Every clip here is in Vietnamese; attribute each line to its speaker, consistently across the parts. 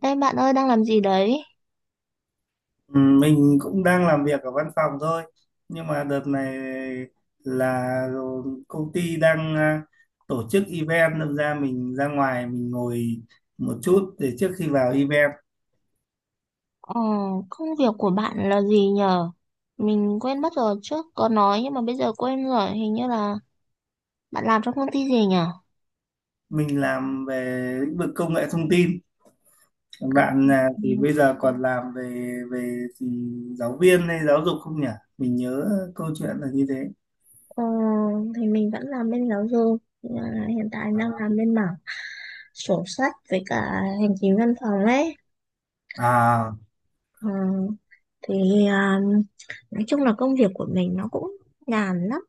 Speaker 1: Ê bạn ơi đang làm gì đấy?
Speaker 2: Ừ, mình cũng đang làm việc ở văn phòng thôi, nhưng mà đợt này là công ty đang tổ chức event, nên mình ra ngoài mình ngồi một chút để trước khi vào event.
Speaker 1: Ờ, công việc của bạn là gì nhờ? Mình quên mất rồi trước có nói nhưng mà bây giờ quên rồi. Hình như là bạn làm trong công ty gì nhở?
Speaker 2: Mình làm về lĩnh vực công nghệ thông tin. Còn
Speaker 1: À,
Speaker 2: bạn à, thì bây giờ còn làm về về thì giáo viên hay giáo dục không nhỉ? Mình nhớ câu chuyện là như thế.
Speaker 1: ờ, thì mình vẫn làm bên giáo dục nhưng mà hiện tại đang làm bên mảng sổ sách với cả hành chính văn phòng ấy.
Speaker 2: à
Speaker 1: Ờ, thì nói chung là công việc của mình nó cũng nhàn lắm,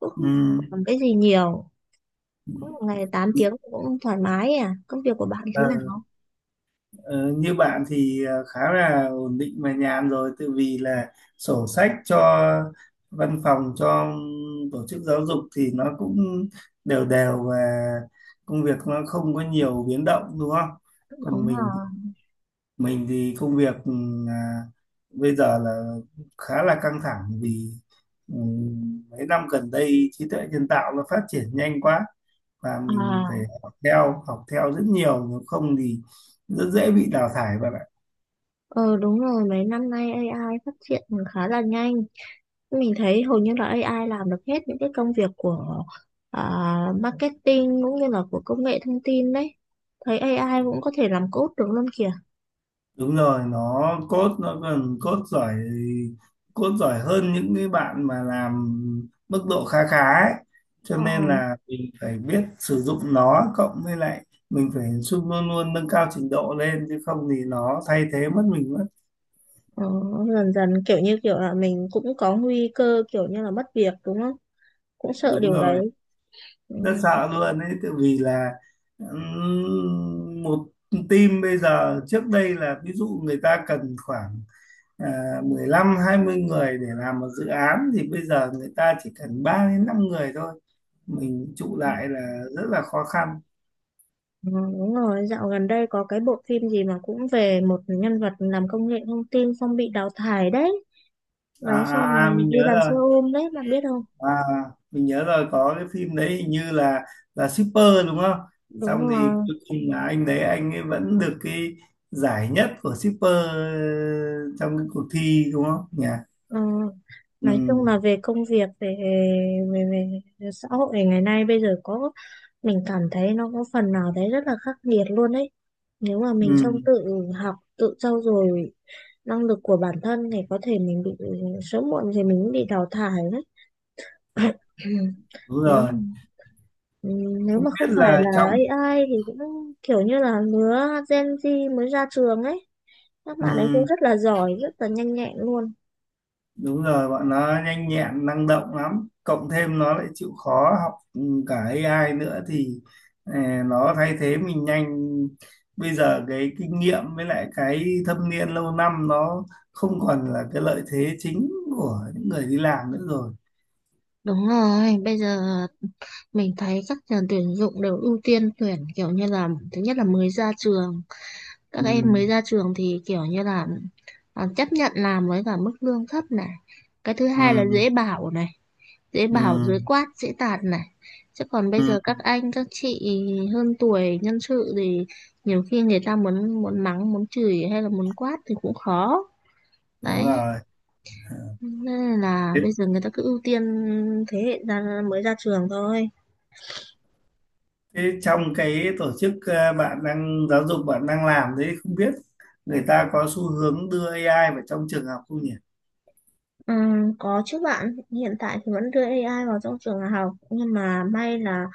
Speaker 1: cũng không làm cái gì nhiều, cũng một ngày 8 tiếng cũng thoải mái. À, công việc của bạn thế
Speaker 2: ừ.
Speaker 1: nào?
Speaker 2: Ờ, như bạn thì khá là ổn định và nhàn rồi tự vì là sổ sách cho văn phòng, cho tổ chức giáo dục thì nó cũng đều đều và công việc nó không có nhiều biến động đúng không? Còn
Speaker 1: Đúng
Speaker 2: mình
Speaker 1: rồi.
Speaker 2: mình thì công việc à, bây giờ là khá là căng thẳng vì ừ, mấy năm gần đây trí tuệ nhân tạo nó phát triển nhanh quá và mình phải
Speaker 1: À,
Speaker 2: học theo rất nhiều, nếu không thì rất dễ bị đào thải bạn ạ.
Speaker 1: ờ đúng rồi, mấy năm nay AI phát triển khá là nhanh. Mình thấy hầu như là AI làm được hết những cái công việc của à, marketing cũng như là của công nghệ thông tin đấy. Thấy AI cũng có thể làm code được luôn kìa.
Speaker 2: Đúng rồi, nó code, nó còn code giỏi, code giỏi hơn những cái bạn mà làm mức độ khá khá ấy. Cho
Speaker 1: Ờ,
Speaker 2: nên là mình phải biết sử dụng nó, cộng với lại mình phải luôn luôn nâng cao trình độ lên chứ không thì nó thay thế mất mình mất.
Speaker 1: ờ, dần dần kiểu như kiểu là mình cũng có nguy cơ kiểu như là mất việc đúng không? Cũng sợ
Speaker 2: Đúng
Speaker 1: điều
Speaker 2: rồi,
Speaker 1: đấy. Ừ,
Speaker 2: rất sợ luôn ấy tại vì là một team bây giờ trước đây là ví dụ người ta cần khoảng 15-20 người để làm một dự án, thì bây giờ người ta chỉ cần 3 đến 5 người thôi, mình trụ lại là rất là khó khăn.
Speaker 1: ừ, đúng rồi, dạo gần đây có cái bộ phim gì mà cũng về một nhân vật làm công nghệ thông tin xong bị đào thải đấy. Đấy xong rồi
Speaker 2: Mình
Speaker 1: đi
Speaker 2: nhớ
Speaker 1: làm
Speaker 2: rồi,
Speaker 1: xe ôm đấy bạn biết không?
Speaker 2: à, mình nhớ rồi, có cái phim đấy hình như là shipper đúng không,
Speaker 1: Đúng
Speaker 2: xong thì
Speaker 1: rồi.
Speaker 2: cuối cùng là anh đấy anh ấy vẫn được cái giải nhất của shipper trong cái cuộc thi đúng không nhỉ?
Speaker 1: Ờ, nói
Speaker 2: Ừ,
Speaker 1: chung là về công việc, về, về về xã hội ngày nay bây giờ có mình cảm thấy nó có phần nào đấy rất là khắc nghiệt luôn đấy. Nếu mà mình không
Speaker 2: ừ,
Speaker 1: tự học, tự trau dồi năng lực của bản thân thì có thể mình bị sớm muộn thì mình cũng bị đào thải đấy.
Speaker 2: đúng
Speaker 1: Nếu
Speaker 2: rồi.
Speaker 1: Ừ, nếu
Speaker 2: Không
Speaker 1: mà không
Speaker 2: biết
Speaker 1: phải
Speaker 2: là
Speaker 1: là
Speaker 2: trong
Speaker 1: AI thì cũng kiểu như là lứa Gen Z mới ra trường ấy, các bạn ấy cũng
Speaker 2: ừ,
Speaker 1: rất là giỏi rất là nhanh nhẹn luôn.
Speaker 2: Đúng rồi, bọn nó nhanh nhẹn, năng động lắm. Cộng thêm nó lại chịu khó học, cả AI nữa thì ờ, nó thay thế mình nhanh. Bây giờ cái kinh nghiệm với lại cái thâm niên lâu năm nó không còn là cái lợi thế chính của những người đi làm nữa rồi.
Speaker 1: Đúng rồi, bây giờ mình thấy các trường tuyển dụng đều ưu tiên tuyển kiểu như là thứ nhất là mới ra trường, các
Speaker 2: Ừ,
Speaker 1: em mới ra trường thì kiểu như là chấp nhận làm với cả mức lương thấp này. Cái thứ hai là
Speaker 2: ừ,
Speaker 1: dễ bảo này, dễ bảo
Speaker 2: ừ,
Speaker 1: dễ quát, dễ tạt này. Chứ còn bây
Speaker 2: ừ.
Speaker 1: giờ các anh các chị hơn tuổi nhân sự thì nhiều khi người ta muốn muốn mắng, muốn chửi hay là muốn quát thì cũng khó.
Speaker 2: Đúng
Speaker 1: Đấy,
Speaker 2: rồi.
Speaker 1: nên là
Speaker 2: Thế,
Speaker 1: bây giờ người ta cứ ưu tiên thế hệ mới ra trường thôi.
Speaker 2: thế, trong cái tổ chức bạn đang giáo dục bạn đang làm đấy, không biết người ta có xu hướng đưa AI vào trong trường học không nhỉ?
Speaker 1: Ừ, có chứ bạn, hiện tại thì vẫn đưa AI vào trong trường học nhưng mà may là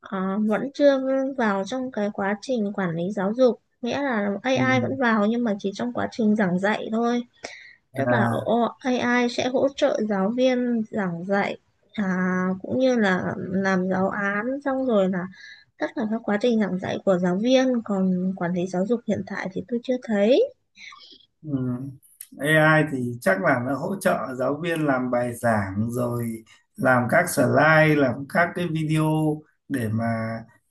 Speaker 1: ờ, vẫn chưa vào trong cái quá trình quản lý giáo dục. Nghĩa là
Speaker 2: Ừ.
Speaker 1: AI vẫn vào nhưng mà chỉ trong quá trình giảng dạy thôi. Tức là
Speaker 2: À,
Speaker 1: AI sẽ hỗ trợ giáo viên giảng dạy, à, cũng như là làm giáo án xong rồi là tất cả các quá trình giảng dạy của giáo viên, còn quản lý giáo dục hiện tại thì tôi chưa thấy.
Speaker 2: ừm. AI thì chắc là nó hỗ trợ giáo viên làm bài giảng rồi, làm các slide, làm các cái video để mà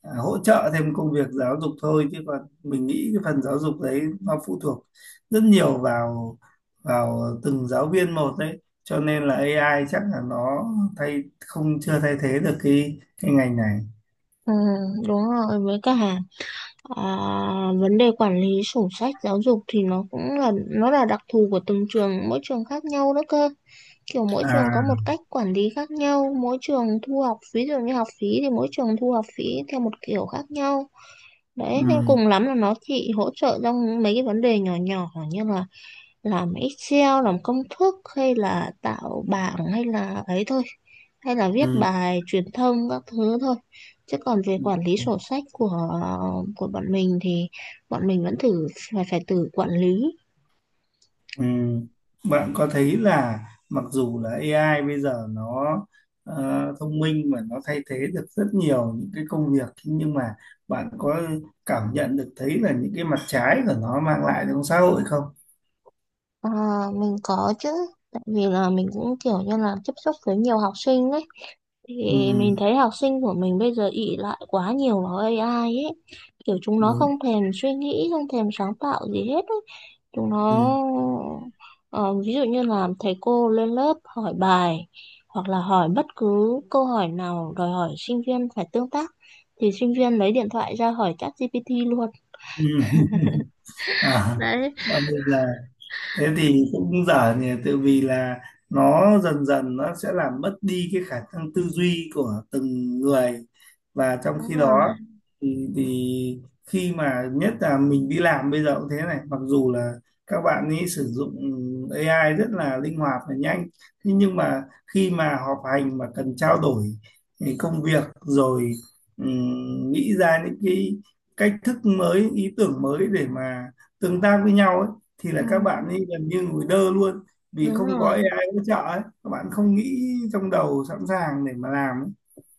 Speaker 2: hỗ trợ thêm công việc giáo dục thôi, chứ còn mình nghĩ cái phần giáo dục đấy nó phụ thuộc rất nhiều vào vào từng giáo viên một đấy, cho nên là AI chắc là nó thay không chưa thay thế được cái ngành này.
Speaker 1: Ừ, đúng rồi, với cả à, vấn đề quản lý sổ sách giáo dục thì nó cũng là nó là đặc thù của từng trường, mỗi trường khác nhau đó cơ, kiểu mỗi trường có
Speaker 2: À,
Speaker 1: một cách quản lý khác nhau, mỗi trường thu học phí, ví dụ như học phí thì mỗi trường thu học phí theo một kiểu khác nhau. Đấy, nên
Speaker 2: ừ,
Speaker 1: cùng lắm là nó chỉ hỗ trợ trong mấy cái vấn đề nhỏ nhỏ như là làm Excel, làm công thức hay là tạo bảng hay là ấy thôi. Hay là viết
Speaker 2: ừ,
Speaker 1: bài truyền thông các thứ thôi. Chứ còn về quản lý
Speaker 2: ừ.
Speaker 1: sổ sách của bọn mình thì bọn mình vẫn phải phải tự quản lý.
Speaker 2: Ừ. Bạn có thấy là mặc dù là AI bây giờ nó ờ, thông minh và nó thay thế được rất nhiều những cái công việc, nhưng mà bạn có cảm nhận được thấy là những cái mặt trái của nó mang lại trong xã hội không?
Speaker 1: À, mình có chứ, tại vì là mình cũng kiểu như là tiếp xúc với nhiều học sinh ấy. Thì
Speaker 2: Ừ,
Speaker 1: mình thấy học sinh của mình bây giờ ỷ lại quá nhiều vào AI ấy. Kiểu chúng nó
Speaker 2: đúng.
Speaker 1: không thèm suy nghĩ, không thèm sáng tạo gì hết ấy. Chúng nó
Speaker 2: Ừ.
Speaker 1: ờ, ví dụ như là thầy cô lên lớp hỏi bài hoặc là hỏi bất cứ câu hỏi nào đòi hỏi sinh viên phải tương tác thì sinh viên lấy điện thoại ra hỏi ChatGPT luôn.
Speaker 2: Ừ. À,
Speaker 1: Đấy,
Speaker 2: bây giờ thế thì cũng dở nhỉ tự vì là nó dần dần nó sẽ làm mất đi cái khả năng tư duy của từng người, và trong
Speaker 1: đúng
Speaker 2: khi đó
Speaker 1: rồi.
Speaker 2: thì khi mà nhất là mình đi làm bây giờ cũng thế này, mặc dù là các bạn ấy sử dụng AI rất là linh hoạt và nhanh, thế nhưng mà khi mà họp hành mà cần trao đổi thì công việc rồi nghĩ ra những cái cách thức mới, ý tưởng mới để mà tương tác với nhau ấy, thì là
Speaker 1: Ừ,
Speaker 2: các bạn ấy gần như ngồi đơ luôn, vì
Speaker 1: đúng
Speaker 2: không có
Speaker 1: rồi.
Speaker 2: AI hỗ trợ ấy. Các bạn không nghĩ trong đầu sẵn sàng để mà làm ấy.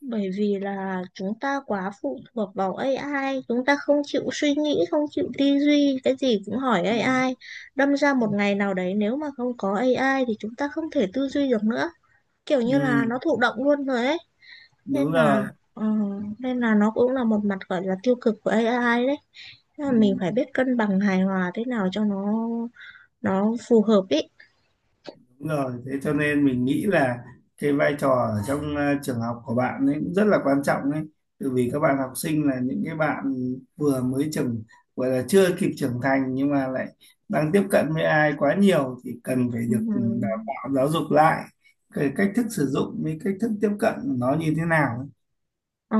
Speaker 1: Bởi vì là chúng ta quá phụ thuộc vào AI, chúng ta không chịu suy nghĩ, không chịu tư duy, cái gì cũng hỏi
Speaker 2: Ừ.
Speaker 1: AI. Đâm ra một ngày nào đấy nếu mà không có AI thì chúng ta không thể tư duy được nữa, kiểu như
Speaker 2: Ừ,
Speaker 1: là nó thụ động luôn rồi ấy.
Speaker 2: đúng
Speaker 1: Nên là
Speaker 2: rồi,
Speaker 1: ờ, nên là nó cũng là một mặt gọi là tiêu cực của AI đấy. Thế là mình
Speaker 2: ừ,
Speaker 1: phải biết cân bằng hài hòa thế nào cho nó phù hợp ý.
Speaker 2: đúng rồi, thế cho nên mình nghĩ là cái vai trò ở trong trường học của bạn ấy cũng rất là quan trọng ấy. Tại vì các bạn học sinh là những cái bạn vừa mới trưởng gọi là chưa kịp trưởng thành nhưng mà lại đang tiếp cận với AI quá nhiều thì cần phải
Speaker 1: Ừ.
Speaker 2: được đào tạo giáo dục lại cái cách thức sử dụng với cách thức tiếp cận nó như thế nào ấy.
Speaker 1: Ờ,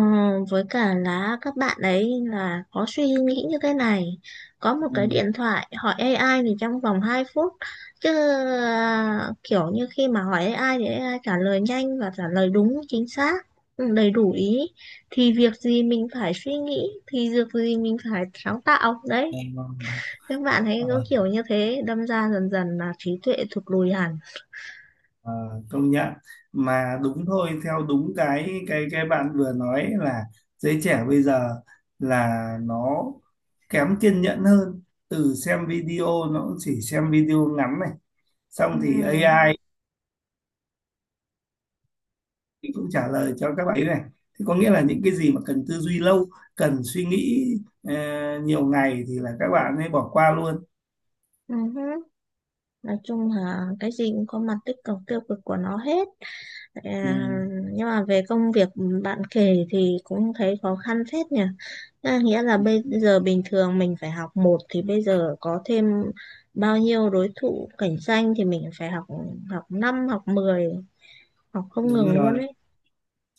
Speaker 1: với cả là các bạn ấy là có suy nghĩ như thế này, có một cái
Speaker 2: Ừ,
Speaker 1: điện thoại hỏi AI thì trong vòng 2 phút, chứ kiểu như khi mà hỏi AI thì AI trả lời nhanh và trả lời đúng chính xác, ừ, đầy đủ ý, thì việc gì mình phải suy nghĩ, thì việc gì mình phải sáng tạo đấy.
Speaker 2: nghe ngon.
Speaker 1: Các bạn ấy có
Speaker 2: Ờ,
Speaker 1: kiểu như thế đâm ra dần dần là trí tuệ thụt lùi hẳn.
Speaker 2: ờ, công nhận mà đúng thôi, theo đúng cái bạn vừa nói là giới trẻ bây giờ là nó kém kiên nhẫn hơn, từ xem video nó cũng chỉ xem video ngắn này,
Speaker 1: Ừ.
Speaker 2: xong thì AI thì cũng trả lời cho các bạn ấy này, thì có nghĩa là những cái gì mà cần tư duy lâu, cần suy nghĩ ờ, nhiều ngày thì là các bạn ấy bỏ qua luôn.
Speaker 1: Ừ. Nói chung là cái gì cũng có mặt tích cực tiêu cực của nó hết.
Speaker 2: Ừ,
Speaker 1: À, nhưng mà về công việc bạn kể thì cũng thấy khó khăn phết nhỉ. À, nghĩa là
Speaker 2: ừ,
Speaker 1: bây giờ bình thường mình phải học một thì bây giờ có thêm bao nhiêu đối thủ cạnh tranh thì mình phải học, học 5 học mười, học không
Speaker 2: đúng
Speaker 1: ngừng luôn
Speaker 2: rồi,
Speaker 1: ấy.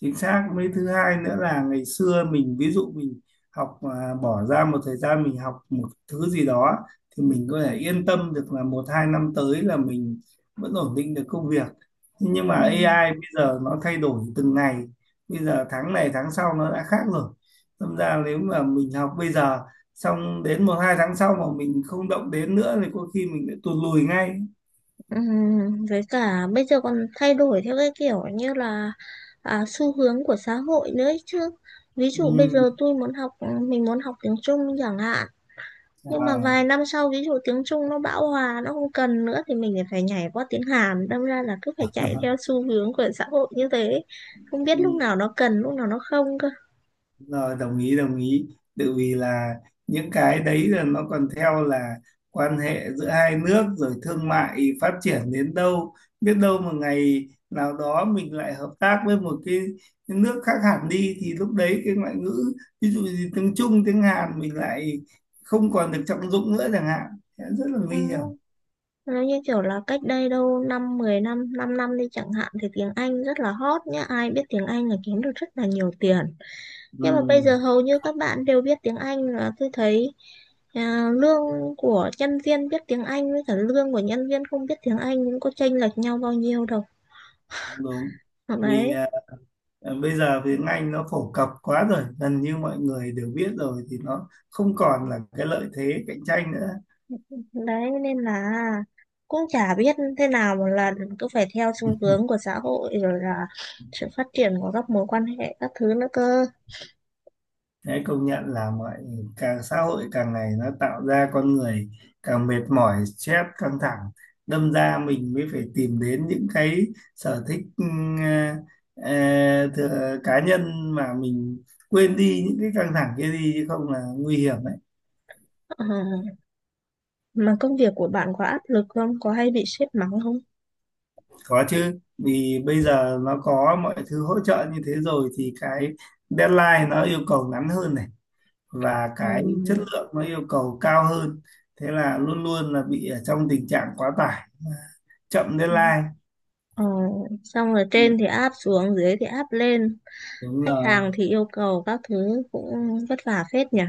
Speaker 2: chính xác. Mấy thứ hai nữa là ngày xưa mình ví dụ mình học bỏ ra một thời gian mình học một thứ gì đó, thì mình có thể yên tâm được là một hai năm tới là mình vẫn ổn định được công việc. Thế nhưng mà
Speaker 1: Ừ.
Speaker 2: AI bây giờ nó thay đổi từng ngày, bây giờ tháng này tháng sau nó đã khác rồi, đâm ra nếu mà mình học bây giờ xong đến một hai tháng sau mà mình không động đến nữa thì có khi mình lại tụt lùi ngay.
Speaker 1: Với cả bây giờ còn thay đổi theo cái kiểu như là xu hướng của xã hội nữa ấy chứ. Ví dụ bây
Speaker 2: Ừ.
Speaker 1: giờ mình muốn học tiếng Trung chẳng hạn, nhưng mà
Speaker 2: À.
Speaker 1: vài năm sau ví dụ tiếng Trung nó bão hòa nó không cần nữa thì mình lại phải nhảy qua tiếng Hàn, đâm ra là cứ phải chạy theo xu hướng của xã hội như thế, không biết
Speaker 2: Ừ.
Speaker 1: lúc nào nó cần lúc nào nó không cơ.
Speaker 2: Rồi, đồng ý, đồng ý, tại vì là những cái đấy là nó còn theo là quan hệ giữa hai nước rồi thương mại phát triển đến đâu, biết đâu một ngày nào đó mình lại hợp tác với cái nước khác hẳn đi thì lúc đấy cái ngoại ngữ ví dụ như tiếng Trung tiếng Hàn mình lại không còn được trọng dụng nữa chẳng hạn. Thế rất là nguy hiểm.
Speaker 1: Ừ. Nó như kiểu là cách đây đâu năm 10 năm 5 năm đi chẳng hạn thì tiếng Anh rất là hot nhá, ai biết tiếng Anh là kiếm được rất là nhiều tiền,
Speaker 2: Ừ,
Speaker 1: nhưng mà bây giờ hầu như các bạn đều biết tiếng Anh là tôi thấy. À, lương của nhân viên biết tiếng Anh với cả lương của nhân viên không biết tiếng Anh cũng có chênh lệch nhau bao nhiêu đâu.
Speaker 2: đúng, đúng,
Speaker 1: Đấy,
Speaker 2: vì Ờ, bây giờ tiếng Anh nó phổ cập quá rồi, gần như mọi người đều biết rồi thì nó không còn là cái lợi thế cạnh tranh nữa.
Speaker 1: đấy nên là cũng chả biết thế nào, một lần cứ phải theo xu hướng của xã hội rồi là sự phát triển của các mối quan hệ các thứ nữa cơ.
Speaker 2: Thế công nhận là càng xã hội càng ngày nó tạo ra con người càng mệt mỏi, stress, căng thẳng. Đâm ra mình mới phải tìm đến những cái sở thích ờ, thừa, cá nhân mà mình quên đi những cái căng thẳng kia đi chứ không là nguy hiểm đấy.
Speaker 1: Ờ, mà công việc của bạn có áp lực không, có hay bị sếp mắng không?
Speaker 2: Có chứ, vì bây giờ nó có mọi thứ hỗ trợ như thế rồi thì cái deadline nó yêu cầu ngắn hơn này và cái chất
Speaker 1: Ừ.
Speaker 2: lượng nó yêu cầu cao hơn. Thế là luôn luôn là bị ở trong tình trạng quá tải, chậm
Speaker 1: Ừ.
Speaker 2: deadline.
Speaker 1: Ờ, xong rồi
Speaker 2: Ừ,
Speaker 1: trên thì áp xuống dưới thì áp lên,
Speaker 2: đúng
Speaker 1: khách
Speaker 2: rồi.
Speaker 1: hàng thì yêu cầu các thứ cũng vất vả phết nhỉ.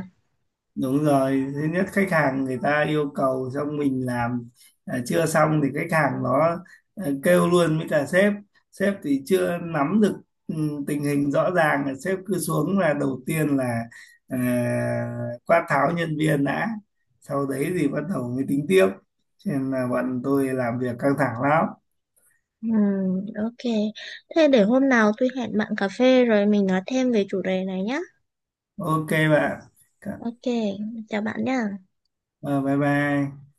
Speaker 2: Đúng rồi, thứ nhất khách hàng người ta yêu cầu xong mình làm chưa xong thì khách hàng nó kêu luôn với cả sếp. Sếp thì chưa nắm được ừ, tình hình rõ ràng là sếp cứ xuống là đầu tiên là à, quát tháo nhân viên đã. Sau đấy thì bắt đầu mới tính tiếp. Cho nên là bọn tôi làm việc căng thẳng lắm.
Speaker 1: Ừ, ok, thế để hôm nào tôi hẹn bạn cà phê rồi mình nói thêm về chủ đề này nhé.
Speaker 2: Ok bạn.
Speaker 1: Ok, chào bạn nhé.
Speaker 2: Ờ, bye bye.